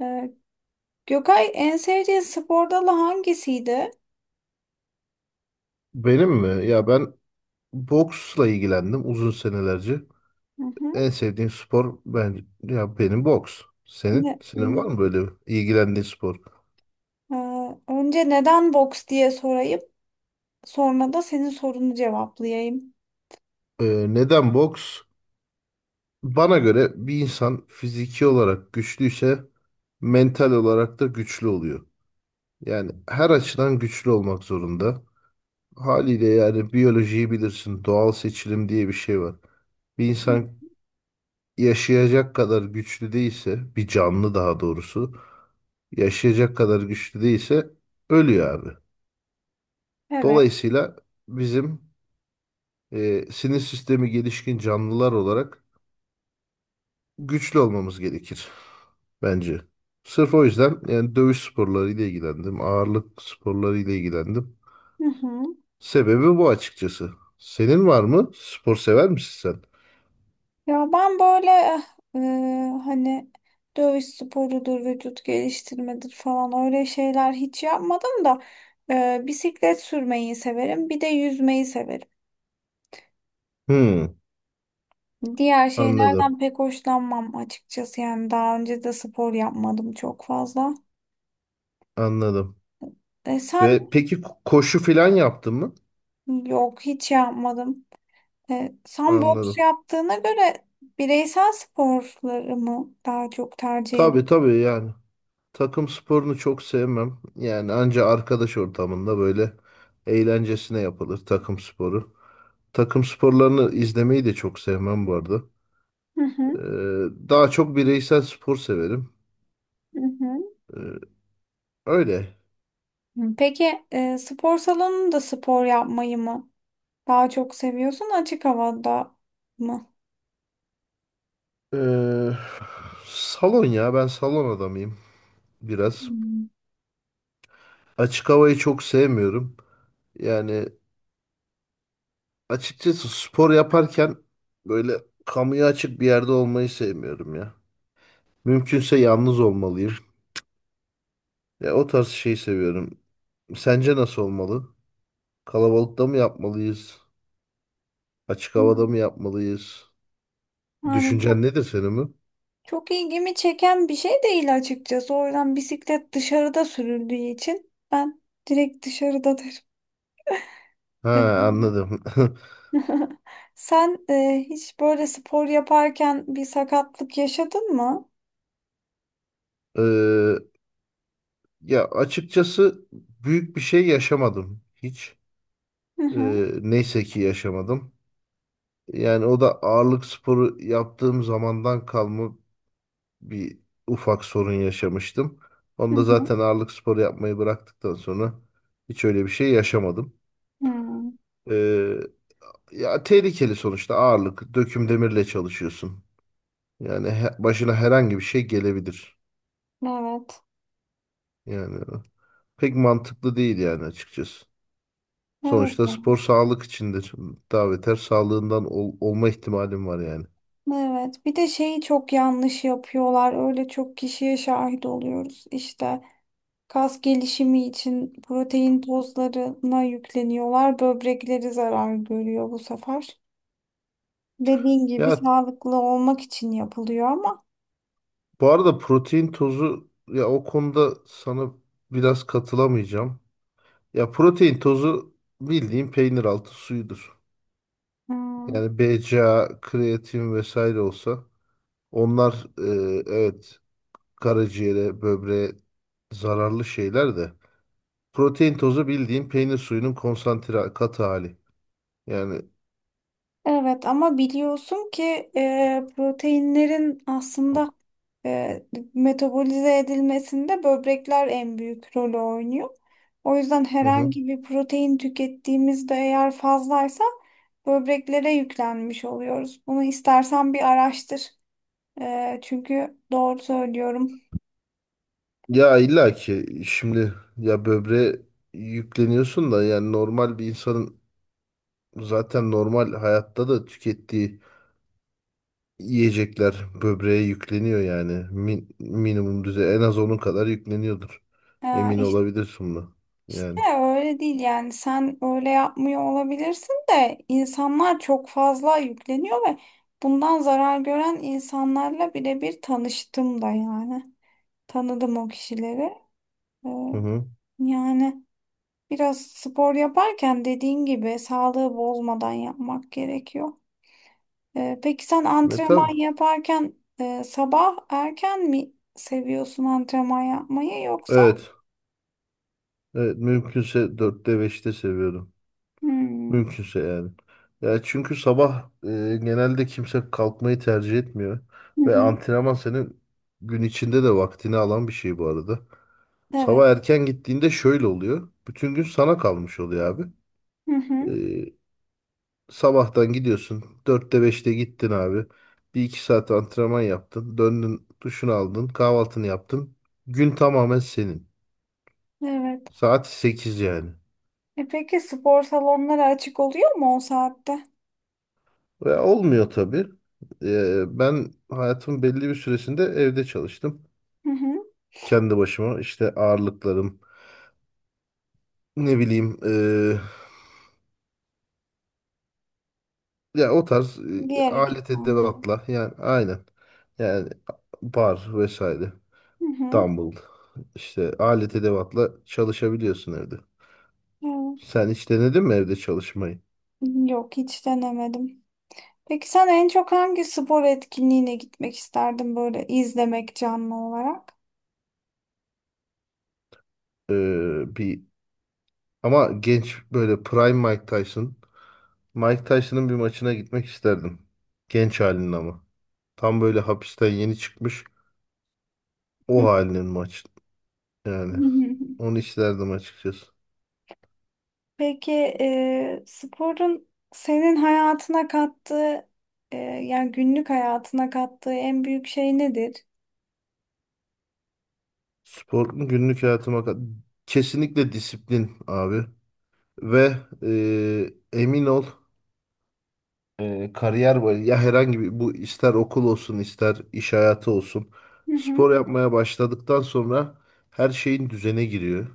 Ee, Gökay, en sevdiğin spor dalı hangisiydi? Benim mi? Ya ben boksla ilgilendim uzun senelerce. Hı hı. En sevdiğim spor benim boks. Ne, Senin? Senin var ne- mı böyle ilgilendiğin spor? Ee, Önce neden boks diye sorayım, sonra da senin sorunu cevaplayayım. Neden boks? Bana göre bir insan fiziki olarak güçlüyse mental olarak da güçlü oluyor. Yani her açıdan güçlü olmak zorunda. Haliyle yani biyolojiyi bilirsin. Doğal seçilim diye bir şey var. Bir Hı. insan yaşayacak kadar güçlü değilse, bir canlı daha doğrusu yaşayacak kadar güçlü değilse ölüyor abi. Evet. Dolayısıyla bizim sinir sistemi gelişkin canlılar olarak güçlü olmamız gerekir bence. Sırf o yüzden yani dövüş sporlarıyla ilgilendim, ağırlık sporlarıyla ilgilendim. Hı hı. Sebebi bu açıkçası. Senin var mı? Spor sever misin sen? Ya ben böyle e, hani dövüş sporudur, vücut geliştirmedir falan öyle şeyler hiç yapmadım da bisiklet sürmeyi severim, bir de yüzmeyi severim. Hmm, Diğer anladım, şeylerden pek hoşlanmam açıkçası, yani daha önce de spor yapmadım çok fazla. anladım. E, sen. Ve peki koşu falan yaptın mı? Yok, hiç yapmadım. Sen boks Anladım. yaptığına göre bireysel sporları mı daha çok tercih Tabii ediyorsun? tabii yani. Takım sporunu çok sevmem. Yani anca arkadaş ortamında böyle eğlencesine yapılır takım sporu. Takım sporlarını izlemeyi de çok sevmem bu arada. Hı Ee, hı, Daha çok bireysel spor severim. hı Ee, Öyle. hı. Peki, spor salonunda spor yapmayı mı daha çok seviyorsun, açık havada mı? Ee, Salon, ya ben salon adamıyım biraz. Hmm. Açık havayı çok sevmiyorum. Yani açıkçası spor yaparken böyle kamuya açık bir yerde olmayı sevmiyorum ya. Mümkünse yalnız olmalıyım. Ya o tarz şeyi seviyorum. Sence nasıl olmalı? Kalabalıkta mı yapmalıyız? Açık havada mı yapmalıyız? Yani Düşüncen çok, nedir senin mi? çok ilgimi çeken bir şey değil açıkçası. O yüzden bisiklet dışarıda sürüldüğü için ben direkt dışarıdadır. Ha, anladım. Sen hiç böyle spor yaparken bir sakatlık yaşadın mı? Ee, Ya açıkçası büyük bir şey yaşamadım hiç. Hı hı. Neyse ki yaşamadım. Yani o da ağırlık sporu yaptığım zamandan kalma bir ufak sorun yaşamıştım. Hı Onu da zaten hı. ağırlık sporu yapmayı bıraktıktan sonra hiç öyle bir şey yaşamadım. Hmm. Ee, Ya tehlikeli sonuçta ağırlık. Döküm demirle çalışıyorsun. Yani başına herhangi bir şey gelebilir. Evet. Yani pek mantıklı değil yani açıkçası. Evet. Sonuçta spor sağlık içindir. Daha beter sağlığından olma ihtimalim var yani. Evet. Bir de şeyi çok yanlış yapıyorlar. Öyle çok kişiye şahit oluyoruz. İşte kas gelişimi için protein tozlarına yükleniyorlar. Böbrekleri zarar görüyor bu sefer. Dediğin gibi Ya sağlıklı olmak için yapılıyor ama bu arada protein tozu, ya o konuda sana biraz katılamayacağım. Ya protein tozu bildiğin peynir altı suyudur. hmm. Yani BCAA, kreatin vesaire olsa onlar evet karaciğere, böbreğe zararlı şeyler de. Protein tozu bildiğin peynir suyunun konsantre katı hali. Yani Evet, ama biliyorsun ki proteinlerin aslında e, metabolize edilmesinde böbrekler en büyük rolü oynuyor. O yüzden hı hı. herhangi bir protein tükettiğimizde eğer fazlaysa böbreklere yüklenmiş oluyoruz. Bunu istersen bir araştır. Çünkü doğru söylüyorum. Ya illa ki şimdi ya böbreğe yükleniyorsun da yani normal bir insanın zaten normal hayatta da tükettiği yiyecekler böbreğe yükleniyor yani. Minimum düzey en az onun kadar yükleniyordur. E, Emin iş- olabilirsin buna. işte Yani. öyle değil, yani sen öyle yapmıyor olabilirsin de insanlar çok fazla yükleniyor ve bundan zarar gören insanlarla birebir tanıştım da yani. Tanıdım o kişileri. E, Hı hı. Yani biraz spor yaparken dediğin gibi sağlığı bozmadan yapmak gerekiyor. Peki sen Ve antrenman tabii. yaparken sabah erken mi seviyorsun antrenman yapmayı, yoksa? Evet. Evet, mümkünse dörtte beşte seviyorum. Hmm. Mümkünse yani. Ya çünkü sabah genelde kimse kalkmayı tercih etmiyor. Hı Ve hı. antrenman senin gün içinde de vaktini alan bir şey bu arada. Evet. Sabah erken gittiğinde şöyle oluyor. Bütün gün sana kalmış oluyor abi. Hı E, hı. Sabahtan gidiyorsun, dörtte beşte gittin abi. Bir iki saat antrenman yaptın. Döndün, duşunu aldın. Kahvaltını yaptın. Gün tamamen senin. Evet. Saat 8 yani. E peki, spor salonları açık oluyor mu o saatte? Ve olmuyor tabii. Ben hayatımın belli bir süresinde evde çalıştım. Hı hı. Kendi başıma işte ağırlıklarım, ne bileyim ya o tarz Diğer alet ekipmanlar. edevatla yani aynen. Yani bar vesaire, Hı hı. dumbbell, işte alet edevatla çalışabiliyorsun evde. Evet. Sen hiç denedin mi evde çalışmayı? Yok, hiç denemedim. Peki sen en çok hangi spor etkinliğine gitmek isterdin böyle, izlemek canlı olarak? Bir ama genç böyle prime Mike Tyson, Mike Tyson'ın bir maçına gitmek isterdim. Genç halinin ama. Tam böyle hapisten yeni çıkmış o halinin maç yani. Onu isterdim açıkçası. Peki sporun senin hayatına kattığı, yani günlük hayatına kattığı en büyük şey nedir? Spor mu günlük hayatıma kesinlikle disiplin abi ve emin ol, kariyer boyu ya, herhangi bir, bu ister okul olsun ister iş hayatı olsun, Hı hı, spor yapmaya başladıktan sonra her şeyin düzene giriyor.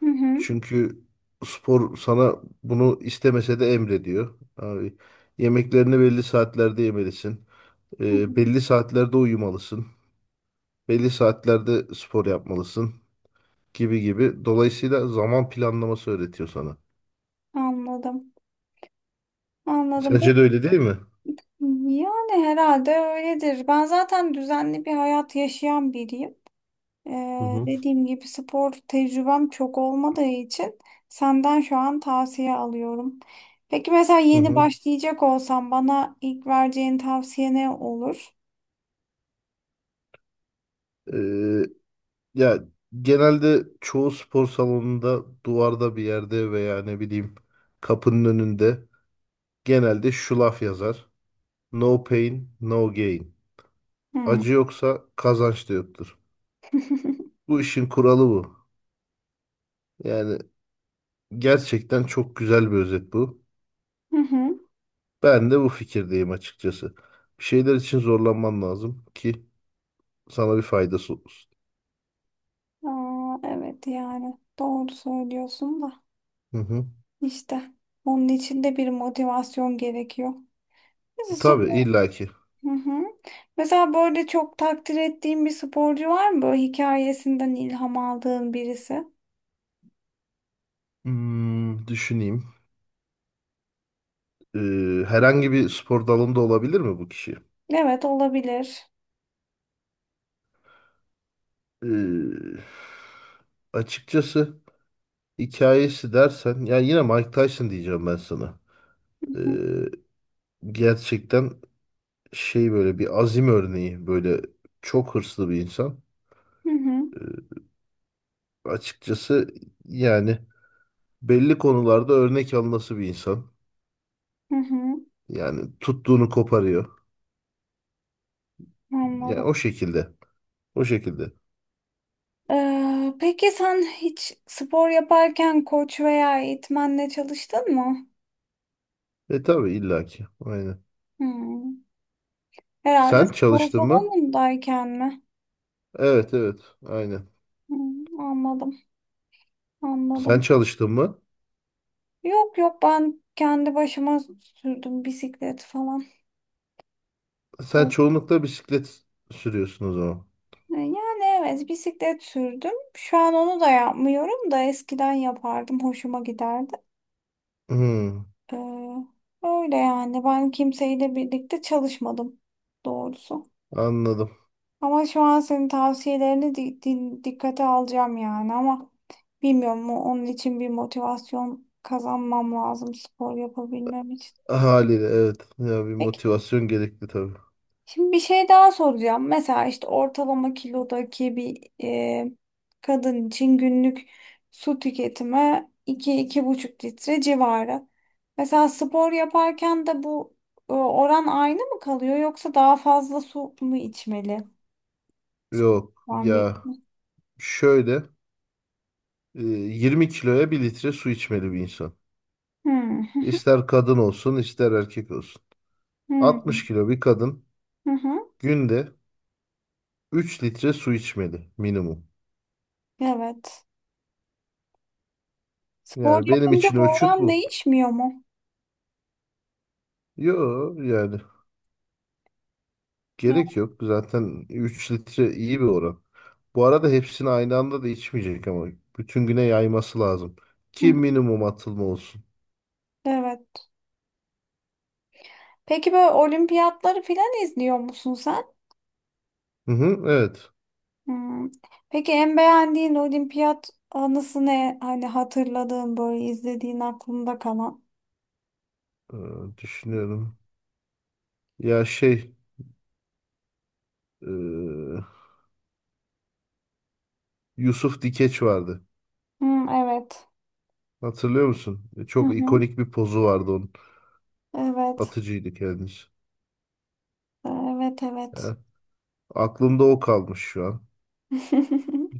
hı hı, Çünkü spor sana bunu istemese de emrediyor. Abi, yemeklerini belli saatlerde yemelisin. hı hı. Belli saatlerde uyumalısın. Belli saatlerde spor yapmalısın gibi gibi. Dolayısıyla zaman planlaması öğretiyor sana. Anladım. Anladım. Sence Peki, de öyle değil mi? yani herhalde öyledir. Ben zaten düzenli bir hayat yaşayan biriyim. Hı hı. Dediğim gibi spor tecrübem çok olmadığı için senden şu an tavsiye alıyorum. Peki mesela Hı yeni hı. başlayacak olsam bana ilk vereceğin tavsiye ne olur? Ee, Ya genelde çoğu spor salonunda duvarda bir yerde veya ne bileyim kapının önünde genelde şu laf yazar. No pain, no gain. Hmm. Acı yoksa kazanç da yoktur. Bu işin kuralı bu. Yani gerçekten çok güzel bir özet bu. Hı hı. Ben de bu fikirdeyim açıkçası. Bir şeyler için zorlanman lazım ki sana bir faydası olsun. Aa, evet yani doğru söylüyorsun da Hı hı. işte onun için de bir motivasyon gerekiyor. Mesela Tabii spor. illaki. Hı hı. Mesela böyle çok takdir ettiğin bir sporcu var mı? Böyle hikayesinden ilham aldığın birisi. Hmm, düşüneyim. Ee, Herhangi bir spor dalında olabilir mi bu kişi? Evet, olabilir. Ee, Açıkçası hikayesi dersen, yani yine Mike Tyson diyeceğim ben sana. Hı Ee, hı. Gerçekten şey böyle bir azim örneği, böyle çok hırslı bir insan. Hı hı. Ee, Açıkçası yani belli konularda örnek alınası bir insan. Hı hı, Yani tuttuğunu koparıyor. Yani anladım. o şekilde. O şekilde. Peki sen hiç spor yaparken koç veya eğitmenle çalıştın mı? E tabii illaki. Aynen. Hmm. Herhalde Sen spor çalıştın mı? salonundayken mi? Evet evet. Aynen. Hmm, anladım, Sen anladım. çalıştın mı? Yok yok, ben kendi başıma sürdüm bisiklet falan. Sen Yok. çoğunlukla bisiklet sürüyorsun o zaman. Yani evet, bisiklet sürdüm. Şu an onu da yapmıyorum da eskiden yapardım. Hoşuma giderdi. Hmm, Ee, Öyle yani, ben kimseyle birlikte çalışmadım doğrusu. anladım. Ama şu an senin tavsiyelerini dikkate alacağım yani, ama bilmiyorum mu, onun için bir motivasyon kazanmam lazım spor yapabilmem için. Haliyle evet. Ya bir Peki motivasyon gerekli tabii. şimdi bir şey daha soracağım. Mesela işte ortalama kilodaki bir kadın için günlük su tüketimi 2-2,5 litre civarı. Mesela spor yaparken de bu oran aynı mı kalıyor, yoksa daha fazla su mu içmeli? Yok Ben bir... ya, şöyle 20 kiloya bir litre su içmeli bir insan. Hmm. İster kadın olsun ister erkek olsun. 60 Hmm. kilo bir kadın Hı hı. günde 3 litre su içmeli minimum. Evet. Spor Yani benim yapınca için bu ölçüt oran bu. değişmiyor mu? Yo yani Ya- gerek yok. Zaten 3 litre iyi bir oran. Bu arada hepsini aynı anda da içmeyecek ama bütün güne yayması lazım. Ki Hı. minimum atılma olsun. Evet. Peki böyle olimpiyatları filan izliyor musun sen? Hı hı, evet. Hmm. Peki en beğendiğin olimpiyat anısı ne? Hani hatırladığın, böyle izlediğin aklında kalan. Ee, Düşünüyorum. Ya şey, e, Yusuf Dikeç vardı. Hmm, evet. Hatırlıyor musun? E, Hı çok hı. ikonik bir pozu vardı onun. Evet. Atıcıydı kendisi. Evet, evet. Ya, aklımda o kalmış şu an.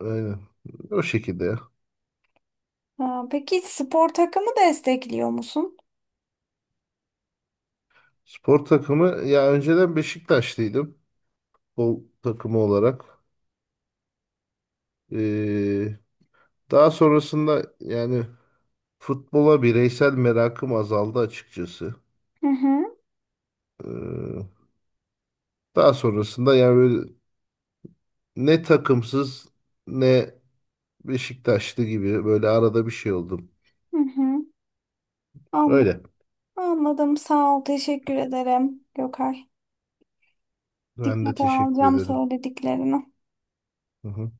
Aynen. O şekilde ya. Ha, peki spor takımı destekliyor musun? Spor takımı, ya önceden Beşiktaşlıydım, futbol takımı olarak. Ee, Daha sonrasında yani futbola bireysel merakım azaldı açıkçası. Hı hı. Ee, Daha sonrasında yani böyle ne takımsız ne Beşiktaşlı gibi, böyle arada bir şey oldum. Hı hı. Öyle. Anladım. Anladım. Sağ ol. Teşekkür ederim Gökay. Ben de Dikkate teşekkür alacağım ederim. söylediklerini. Hı hı.